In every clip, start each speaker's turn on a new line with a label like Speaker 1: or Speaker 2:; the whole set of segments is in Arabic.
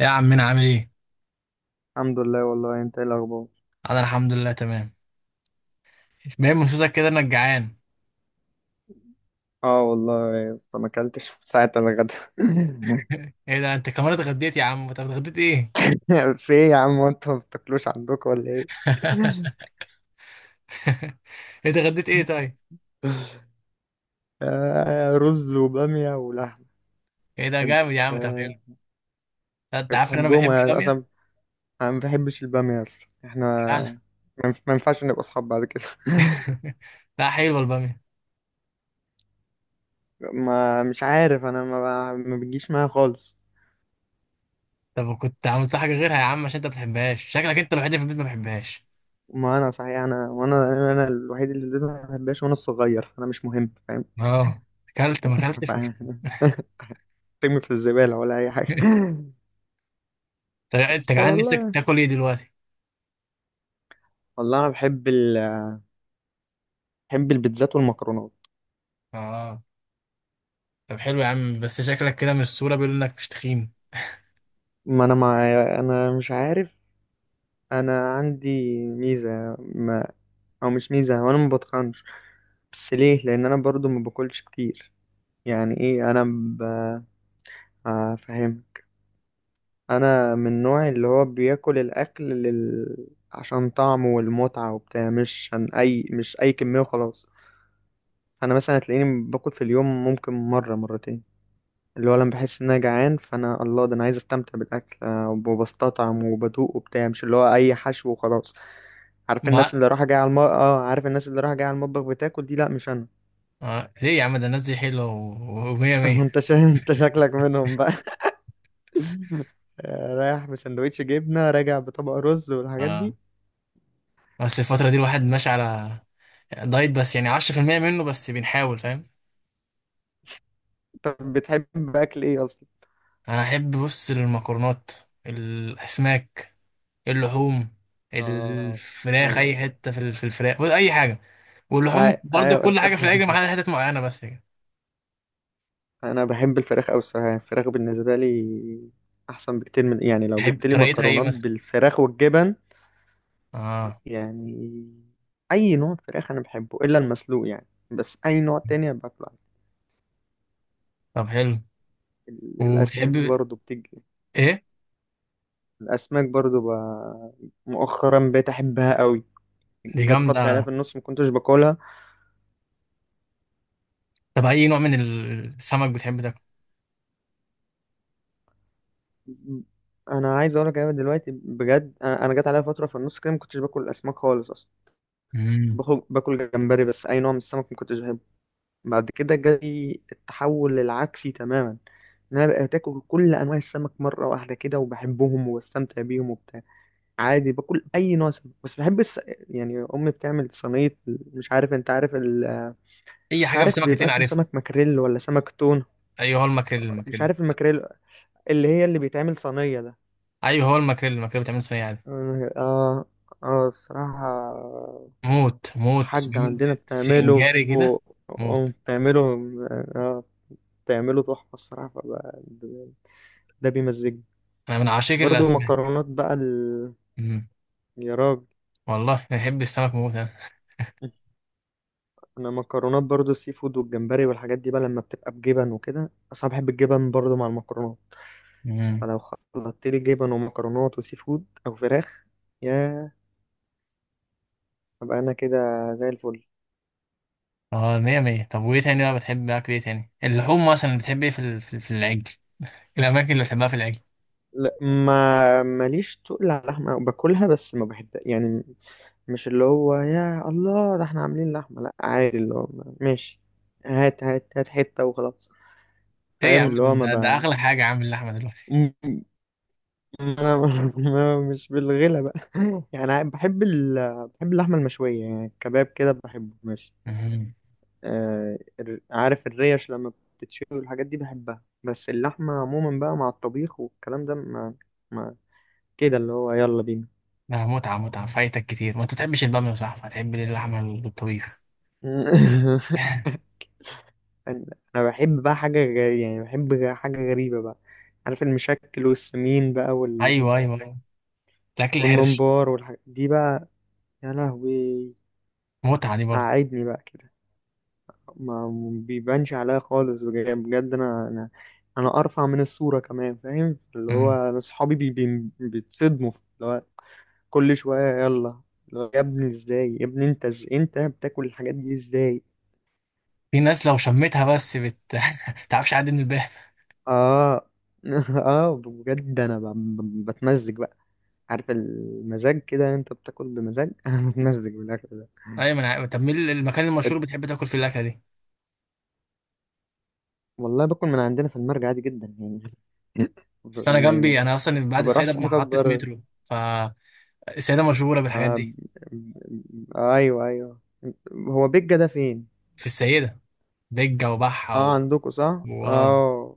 Speaker 1: يا عمنا عامل ايه؟
Speaker 2: الحمد لله. والله انت ايه الاخبار؟
Speaker 1: انا الحمد لله تمام. باين من صوتك كده انك جعان.
Speaker 2: اه والله يا اسطى ما اكلتش من ساعه الغدا.
Speaker 1: ايه ده انت كمان اتغديت يا عم؟ طب اتغديت ايه؟
Speaker 2: في ايه يا عم، انتوا ما بتاكلوش عندكم ولا ايه؟
Speaker 1: انت اتغديت ايه طيب؟
Speaker 2: رز وباميه ولحم.
Speaker 1: ايه ده
Speaker 2: انت
Speaker 1: جامد يا عم، طب حلو.
Speaker 2: آه،
Speaker 1: انت عارف ان انا
Speaker 2: بتحبهم
Speaker 1: بحب
Speaker 2: يا
Speaker 1: البامية؟
Speaker 2: اصلا؟ انا ما بحبش الباميه اصلا. احنا
Speaker 1: فعلا.
Speaker 2: ما ينفعش نبقى اصحاب بعد كده.
Speaker 1: لا حلوة البامية.
Speaker 2: ما مش عارف، انا ما بتجيش معايا خالص.
Speaker 1: طب كنت عملت لها حاجة غيرها يا عم عشان انت ما بتحبهاش، شكلك انت الوحيد اللي في البيت ما بحبهاش.
Speaker 2: ما انا صحيح، انا الوحيد اللي ما بحبهاش، وانا الصغير انا مش مهم، فاهم؟
Speaker 1: اه اكلت ما اكلتش مش مهم.
Speaker 2: ترمي في الزبالة ولا أي حاجة.
Speaker 1: طب انت
Speaker 2: بس
Speaker 1: جعان، نفسك
Speaker 2: والله،
Speaker 1: تاكل ايه دلوقتي؟
Speaker 2: والله أنا بحب ال... بحب البيتزات والمكرونات.
Speaker 1: اه طب حلو يا عم، بس شكلك كده من الصورة بيقول انك مش تخين.
Speaker 2: ما أنا مع... أنا مش عارف. أنا عندي ميزة ما... أو مش ميزة، وأنا ما بتخنش، بس ليه؟ لأن أنا برضو ما باكلش كتير. يعني إيه أنا ب... فاهم. أنا من النوع اللي هو بياكل الأكل لل... عشان طعمه والمتعة وبتاع، مش عن أي، مش أي كمية وخلاص. أنا مثلا هتلاقيني باكل في اليوم ممكن مرة مرتين، اللي هو لما بحس ان انا جعان، فانا الله ده انا عايز استمتع بالاكل. وبستطعم وبدوق وبتاع، مش اللي هو اي حشو وخلاص.
Speaker 1: ما
Speaker 2: عارف الناس اللي رايحه جايه على المطبخ بتاكل دي؟ لا مش انا.
Speaker 1: آه. ليه يا عم؟ ده الناس دي حلوة ومية مية.
Speaker 2: انت شكلك منهم بقى. رايح بسندوتش جبنه راجع بطبق رز والحاجات
Speaker 1: اه
Speaker 2: دي.
Speaker 1: بس الفترة دي الواحد ماشي على دايت، بس يعني 10% منه بس، بنحاول فاهم.
Speaker 2: طب بتحب اكل ايه اصلا؟
Speaker 1: أنا أحب بص المكرونات، الأسماك، اللحوم،
Speaker 2: اه
Speaker 1: الفراخ، أي
Speaker 2: حاجه.
Speaker 1: حتة في الفراخ بص، أي حاجة. واللحوم برضه،
Speaker 2: ايوه
Speaker 1: كل حاجة في
Speaker 2: الفراخ.
Speaker 1: الأكل ما عدا حتت معينة بس كده.
Speaker 2: انا بحب الفراخ قوي الصراحه. يعني الفراخ بالنسبه لي احسن بكتير من، يعني لو
Speaker 1: تحب
Speaker 2: جبت لي
Speaker 1: طريقتها إيه
Speaker 2: مكرونات
Speaker 1: مثلا؟
Speaker 2: بالفراخ والجبن.
Speaker 1: اه
Speaker 2: يعني اي نوع فراخ انا بحبه الا المسلوق يعني، بس اي نوع تاني أنا باكله عادي.
Speaker 1: طب حلو. وبتحب
Speaker 2: الاسماك برضو بتيجي.
Speaker 1: إيه؟
Speaker 2: الاسماك برضو ب... مؤخرا بقيت احبها قوي.
Speaker 1: دي
Speaker 2: جت
Speaker 1: جامدة.
Speaker 2: فتره عليها في النص ما كنتش باكلها.
Speaker 1: طب أي نوع من السمك بتحب تاكل؟
Speaker 2: انا عايز اقول لك، انا دلوقتي بجد، انا جت عليها فتره في النص كده ما كنتش باكل الاسماك خالص اصلا. كنت
Speaker 1: مم.
Speaker 2: باكل جمبري بس، اي نوع من السمك ما كنتش بحبه. بعد كده جالي التحول العكسي تماما، ان انا بقيت اكل كل انواع السمك مره واحده كده، وبحبهم وبستمتع بيهم وبتاع. عادي باكل اي نوع سمك. يعني امي بتعمل صينيه، مش عارف انت عارف ال...
Speaker 1: أي
Speaker 2: مش
Speaker 1: حاجة في
Speaker 2: عارف
Speaker 1: السمك
Speaker 2: بيبقى
Speaker 1: هتلاقيني
Speaker 2: اسمه
Speaker 1: عارفها.
Speaker 2: سمك ماكريل ولا سمك تون.
Speaker 1: أيوه هو الماكريل،
Speaker 2: مش
Speaker 1: الماكريل.
Speaker 2: عارف الماكريل، اللي هي اللي بيتعمل صينيه ده.
Speaker 1: ايوه هو الماكريل، الماكريل بتعمل صينيه عادي.
Speaker 2: اه، اه الصراحه.
Speaker 1: موت موت،
Speaker 2: الحاجة
Speaker 1: بتعمل
Speaker 2: عندنا بتعمله،
Speaker 1: سنجاري كده. موت،
Speaker 2: أم بتعمله، اه، بتعمله تحفه الصراحه. ده بيمزجني.
Speaker 1: انا من عشاق
Speaker 2: برضو
Speaker 1: الاسماك.
Speaker 2: مكرونات بقى ال...
Speaker 1: أمم.
Speaker 2: يا راجل.
Speaker 1: والله انا بحب السمك موت انا.
Speaker 2: انا مكرونات برضو، السي فود والجمبري والحاجات دي بقى، لما بتبقى بجبن وكده، اصلا بحب الجبن برضو مع المكرونات.
Speaker 1: أمم.
Speaker 2: فلو خلطت لي جبن ومكرونات وسي فود او فراخ، يا ابقى انا كده زي الفل.
Speaker 1: اه مية مية. طب وايه تاني بقى؟ بتحب اكل ايه تاني؟ اللحوم مثلا، بتحب ايه في العجل؟ الاماكن اللي بتحبها في العجل؟
Speaker 2: لا ما ماليش تقل على اللحمه، باكلها بس ما بحب يعني، مش اللي هو يا الله ده احنا عاملين لحمه. لا عادي، اللي هو ماشي، هات حته وخلاص،
Speaker 1: ايه يا
Speaker 2: فاهم؟
Speaker 1: عم
Speaker 2: اللي هو ما
Speaker 1: ده
Speaker 2: بقى
Speaker 1: اغلى حاجه يا عم اللحمه دلوقتي.
Speaker 2: انا، مش بالغلا بقى. يعني بحب ال... بحب اللحمه المشويه، يعني الكباب كده بحبه ماشي.
Speaker 1: أمم.
Speaker 2: عارف الريش لما بتتشوي والحاجات دي؟ بحبها. بس اللحمه عموما بقى مع الطبيخ والكلام ده ما, ما... كده، اللي هو يلا بينا.
Speaker 1: ده متعه متعه فايتك كتير. ما انت تحبش الباميه يا صاحبي، هتحب ليه اللحمه بالطبيخ؟
Speaker 2: انا أنا بحب بقى حاجه غريبة، يعني بحب حاجه غريبه بقى، عارف المشكل والسمين بقى
Speaker 1: ايوه ايوه ايوه، الاكل الحرش.
Speaker 2: والممبار والحاجات دي بقى. يا لهوي
Speaker 1: متعه دي برضه.
Speaker 2: قعدني بقى كده. ما بيبانش عليا خالص، بجد بجد، انا ارفع من الصوره كمان، فاهم؟ اللي هو انا اصحابي بي بي بيتصدموا، اللي هو كل شويه يلا، اللي هو يا ابني ازاي يا ابني انت انت بتاكل الحاجات دي ازاي.
Speaker 1: في ناس لو شمتها بس بت تعرفش، عادي من الباب.
Speaker 2: اه. اه بجد انا بتمزج بقى، عارف المزاج كده؟ انت بتاكل بمزاج. انا بتمزج بالاكل ده.
Speaker 1: ايوه ما انا عارف. طب مين المكان
Speaker 2: أت-
Speaker 1: المشهور بتحب تاكل فيه الاكله دي؟
Speaker 2: والله باكل من عندنا في المرج عادي جدا يعني.
Speaker 1: بس انا
Speaker 2: يعني
Speaker 1: جنبي، انا اصلا
Speaker 2: ما
Speaker 1: بعد السيده
Speaker 2: بروحش حتت
Speaker 1: بمحطه
Speaker 2: بره.
Speaker 1: مترو، فالسيده مشهوره بالحاجات
Speaker 2: آه... ب-
Speaker 1: دي.
Speaker 2: ايوه ايوه. هو بيجا ده فين؟
Speaker 1: في السيده دجه وبحه
Speaker 2: اه
Speaker 1: و...
Speaker 2: عندكم صح،
Speaker 1: واو،
Speaker 2: اه.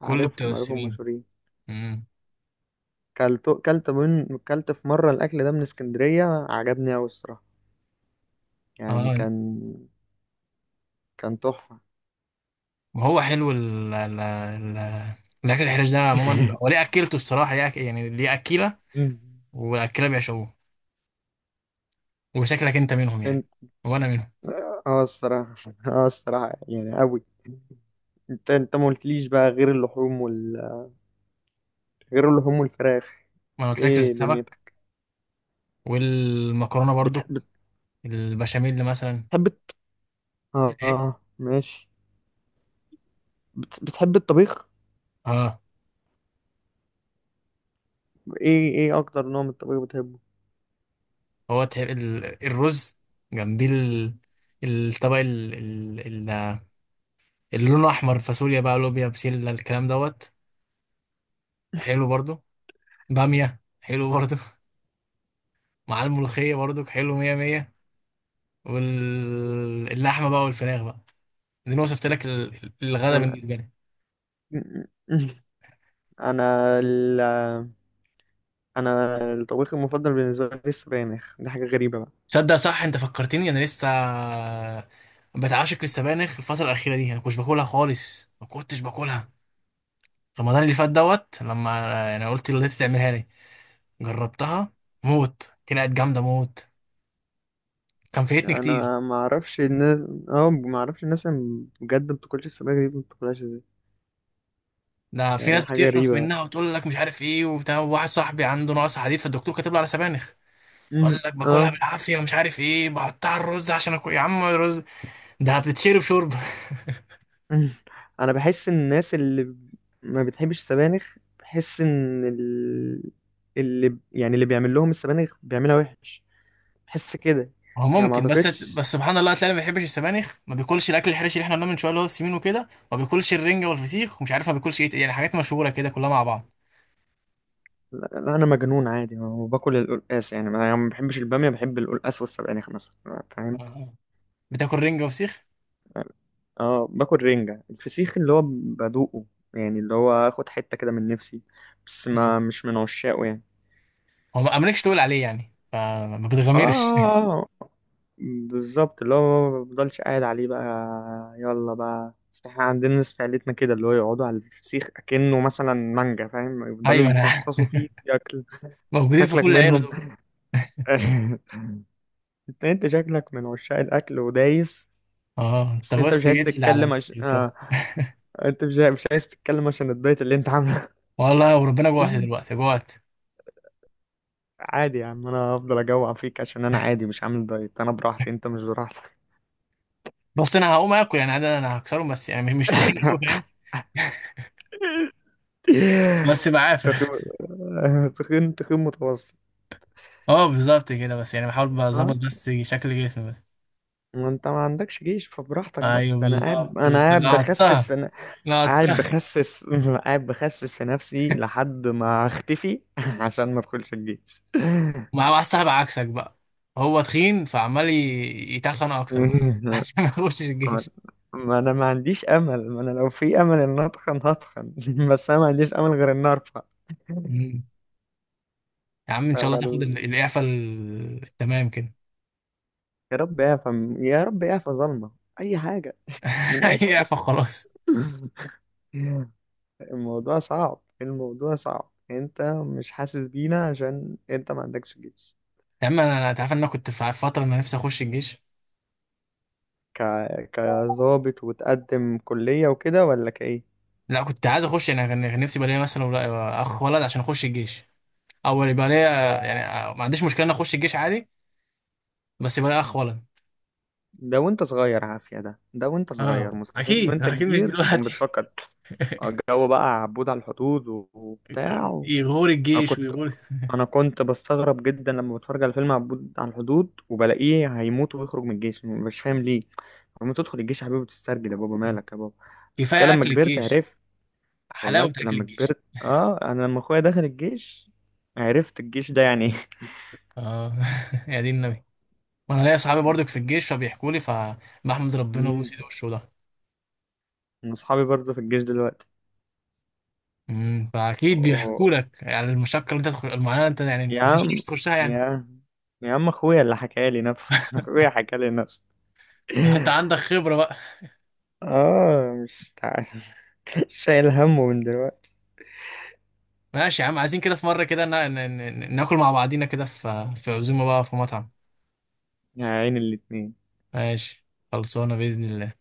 Speaker 1: كل بتوع
Speaker 2: عارفهم عارفهم
Speaker 1: السنين.
Speaker 2: مشهورين.
Speaker 1: امم
Speaker 2: كلت من، كلت في مره الاكل ده من اسكندريه، عجبني قوي الصراحه. يعني
Speaker 1: اه.
Speaker 2: كان، كان تحفه.
Speaker 1: وهو حلو الاكل الحرش ده عموما، هو ليه اكلته الصراحه؟ ليه يعني ليه اكيله؟ والاكيله بيعشقوه، وشكلك انت منهم يعني،
Speaker 2: انت،
Speaker 1: وانا منهم.
Speaker 2: اه الصراحه، اه الصراحه يعني قوي. انت ما قلتليش بقى غير اللحوم وال، غير اللحوم والفراخ.
Speaker 1: ما انا قلت لك
Speaker 2: ايه
Speaker 1: السمك
Speaker 2: دنيتك؟
Speaker 1: والمكرونه
Speaker 2: بت...
Speaker 1: برضو، البشاميل مثلا.
Speaker 2: بتحب الت- اه
Speaker 1: الايه؟
Speaker 2: ماشي. بتحب الطبيخ.
Speaker 1: اه.
Speaker 2: ايه ايه اكتر نوع من الطبيخ بتحبه؟
Speaker 1: هو الرز، جنبيه الطبق ال- اللي لونه احمر، فاصوليا بقى، لوبيا، بسله، الكلام دوت. حلو برضو، باميه حلو برضو مع الملوخيه برضو حلو مية مية. واللحمه بقى والفراخ بقى، دي انا وصفت لك الغدا
Speaker 2: انا،
Speaker 1: بالنسبه لي.
Speaker 2: انا ال... انا الطبيخ المفضل بالنسبه لي السبانخ. دي حاجه غريبه بقى.
Speaker 1: صدق صح، انت فكرتني، انا لسه بتعشق للسبانخ. الفتره الاخيره دي انا كنتش باكلها خالص، ما كنتش باكلها رمضان اللي فات دوت. لما يعني قلت لوالدتي تعملها لي، جربتها موت، طلعت جامده موت. كان فايتني كتير.
Speaker 2: انا ما اعرفش الناس، اه ما اعرفش الناس اللي بجد ما بتاكلش السبانخ دي ما بتاكلهاش ازاي،
Speaker 1: ده في
Speaker 2: يعني
Speaker 1: ناس
Speaker 2: حاجه
Speaker 1: بتقرف
Speaker 2: غريبه.
Speaker 1: منها وتقول لك مش عارف ايه وبتاع. واحد صاحبي عنده نقص حديد، فالدكتور كاتب له على سبانخ. قال
Speaker 2: مم.
Speaker 1: لك باكلها
Speaker 2: اه.
Speaker 1: بالعافيه، ومش عارف ايه، بحطها على الرز عشان اكل. يا عم الرز ده بتتشرب شوربه.
Speaker 2: مم. انا بحس ان الناس اللي ما بتحبش السبانخ، بحس اللي يعني اللي بيعمل لهم السبانخ بيعملها وحش، بحس كده
Speaker 1: هو
Speaker 2: يعني. ما
Speaker 1: ممكن، بس
Speaker 2: اعتقدش،
Speaker 1: بس سبحان الله، هتلاقي اللي ما بيحبش السبانخ ما بياكلش الاكل الحرش اللي احنا قلناه من شويه، اللي هو السمين وكده، ما بياكلش الرنجه والفسيخ، ومش عارف ما بياكلش ايه تاني، يعني حاجات مشهوره كده كلها مع بعض.
Speaker 2: لا لا، انا مجنون عادي وباكل القلقاس، يعني انا ما بحبش الباميه بحب القلقاس والسبانخ مثلا، فاهم؟
Speaker 1: آه. بتاكل رنجه وفسيخ؟
Speaker 2: اه باكل رنجة، الفسيخ اللي هو بدوقه، يعني اللي هو اخد حتة كده من نفسي، بس ما مش من عشاقه يعني.
Speaker 1: هو ما مالكش تقول عليه يعني، فما بتغامرش.
Speaker 2: اه بالظبط، اللي هو ما بفضلش قاعد عليه بقى، يلا بقى. بس احنا عندنا ناس في عيلتنا كده، اللي هو يقعدوا على الفسيخ اكنه مثلا مانجا، فاهم؟ يفضلوا
Speaker 1: ايوه انا
Speaker 2: يفصصوا
Speaker 1: عارف.
Speaker 2: فيه ياكل.
Speaker 1: موجودين في
Speaker 2: تاكلك
Speaker 1: كل عيله
Speaker 2: منهم.
Speaker 1: دول.
Speaker 2: انت شكلك من عشاق الاكل ودايس.
Speaker 1: اه انت
Speaker 2: بس انت مش
Speaker 1: بس
Speaker 2: عايز
Speaker 1: جيت لي على
Speaker 2: تتكلم عش...
Speaker 1: البتاع.
Speaker 2: آه. انت مش عايز تتكلم عشان الدايت اللي انت عامله.
Speaker 1: والله وربنا جوعت دلوقتي، جوعت.
Speaker 2: عادي يا عم، انا هفضل اجوع فيك، عشان انا عادي مش عامل دايت، انا براحتي انت مش براحتك.
Speaker 1: بس انا هقوم اكل يعني، عادة انا هكسرهم، بس يعني مش تخين قوي فاهم. بس بعافر.
Speaker 2: تخين، تخين متوسط.
Speaker 1: اه بالظبط كده، بس يعني بحاول بظبط
Speaker 2: ها
Speaker 1: بس شكل جسمي بس.
Speaker 2: ما انت ما عندكش جيش، فبراحتك بقى.
Speaker 1: ايوه
Speaker 2: ده انا قاعد،
Speaker 1: بالظبط لقطتها،
Speaker 2: قاعد
Speaker 1: لقطتها.
Speaker 2: بخسس. قاعد بخسس في نفسي لحد ما اختفي عشان ما ادخلش الجيش.
Speaker 1: مع واحد صاحب عكسك بقى، هو تخين فعمال يتخن اكتر بقى عشان ما يخشش
Speaker 2: آه،
Speaker 1: الجيش.
Speaker 2: ما انا ما عنديش امل، ما انا لو في امل ان اتخن هتخن. بس انا ما عنديش امل غير ان ارفع.
Speaker 1: مم. يا عم ان
Speaker 2: ف-
Speaker 1: شاء الله تاخد
Speaker 2: فال...
Speaker 1: الاعفاء التمام كده.
Speaker 2: يا رب اعفى، يا رب اعفى ظلمة، اي حاجة من اي
Speaker 1: هي
Speaker 2: حتة.
Speaker 1: فخلاص.
Speaker 2: الموضوع صعب، الموضوع صعب، انت مش حاسس بينا عشان انت ما عندكش جيش.
Speaker 1: يا عم انا تعرف ان انا كنت في فتره انا نفسي اخش الجيش.
Speaker 2: ك... كظابط وتقدم كلية وكده ولا كايه؟
Speaker 1: لا كنت عايز اخش، انا كان نفسي يبقى ليا مثلا اخ ولد عشان اخش الجيش. او يبقى ليا، يعني ما عنديش مشكله ان اخش الجيش عادي، بس يبقى ليا اخ ولد.
Speaker 2: ده وانت صغير عافية. ده ده وانت صغير،
Speaker 1: اه
Speaker 2: مستحيل
Speaker 1: اكيد
Speaker 2: وانت
Speaker 1: اكيد، مش
Speaker 2: كبير تكون
Speaker 1: دلوقتي.
Speaker 2: بتفكر. الجو بقى عبود على الحدود وبتاع
Speaker 1: يغور
Speaker 2: انا
Speaker 1: الجيش
Speaker 2: كنت،
Speaker 1: ويغور.
Speaker 2: انا كنت بستغرب جدا لما بتفرج على فيلم عبود على الحدود، وبلاقيه هيموت ويخرج من الجيش، مش فاهم ليه. لما تدخل الجيش يا حبيبي بتسترجل، يا بابا مالك يا بابا. كان
Speaker 1: كفايه
Speaker 2: لما
Speaker 1: اكل
Speaker 2: كبرت
Speaker 1: الجيش،
Speaker 2: عرفت.
Speaker 1: حلاوه اكل
Speaker 2: لما
Speaker 1: الجيش.
Speaker 2: كبرت اه، انا لما اخويا دخل الجيش عرفت الجيش ده يعني ايه.
Speaker 1: اه يا دين النبي. وانا ليا صحابي برضك في الجيش، فبيحكوا لي، فبحمد ربنا
Speaker 2: مم.
Speaker 1: وبوس ايده وشه.
Speaker 2: من اصحابي برضه في الجيش.
Speaker 1: امم، فاكيد بيحكوا
Speaker 2: دلوقتي
Speaker 1: لك يعني المشقه اللي انت تخش، المعاناه اللي انت يعني،
Speaker 2: يا
Speaker 1: بس مش
Speaker 2: عم،
Speaker 1: نفسك تخشها يعني.
Speaker 2: يا يا عم اخويا اللي حكى لي نفسه. اخويا حكى لي نفسه.
Speaker 1: انت عندك خبره بقى.
Speaker 2: اه مش تعال. شايل همه من دلوقتي.
Speaker 1: ماشي يا عم، عايزين كده في مره كده ناكل مع بعضينا كده في عزومه بقى في مطعم.
Speaker 2: يا عين الاتنين.
Speaker 1: ماشي، خلصانه باذن الله.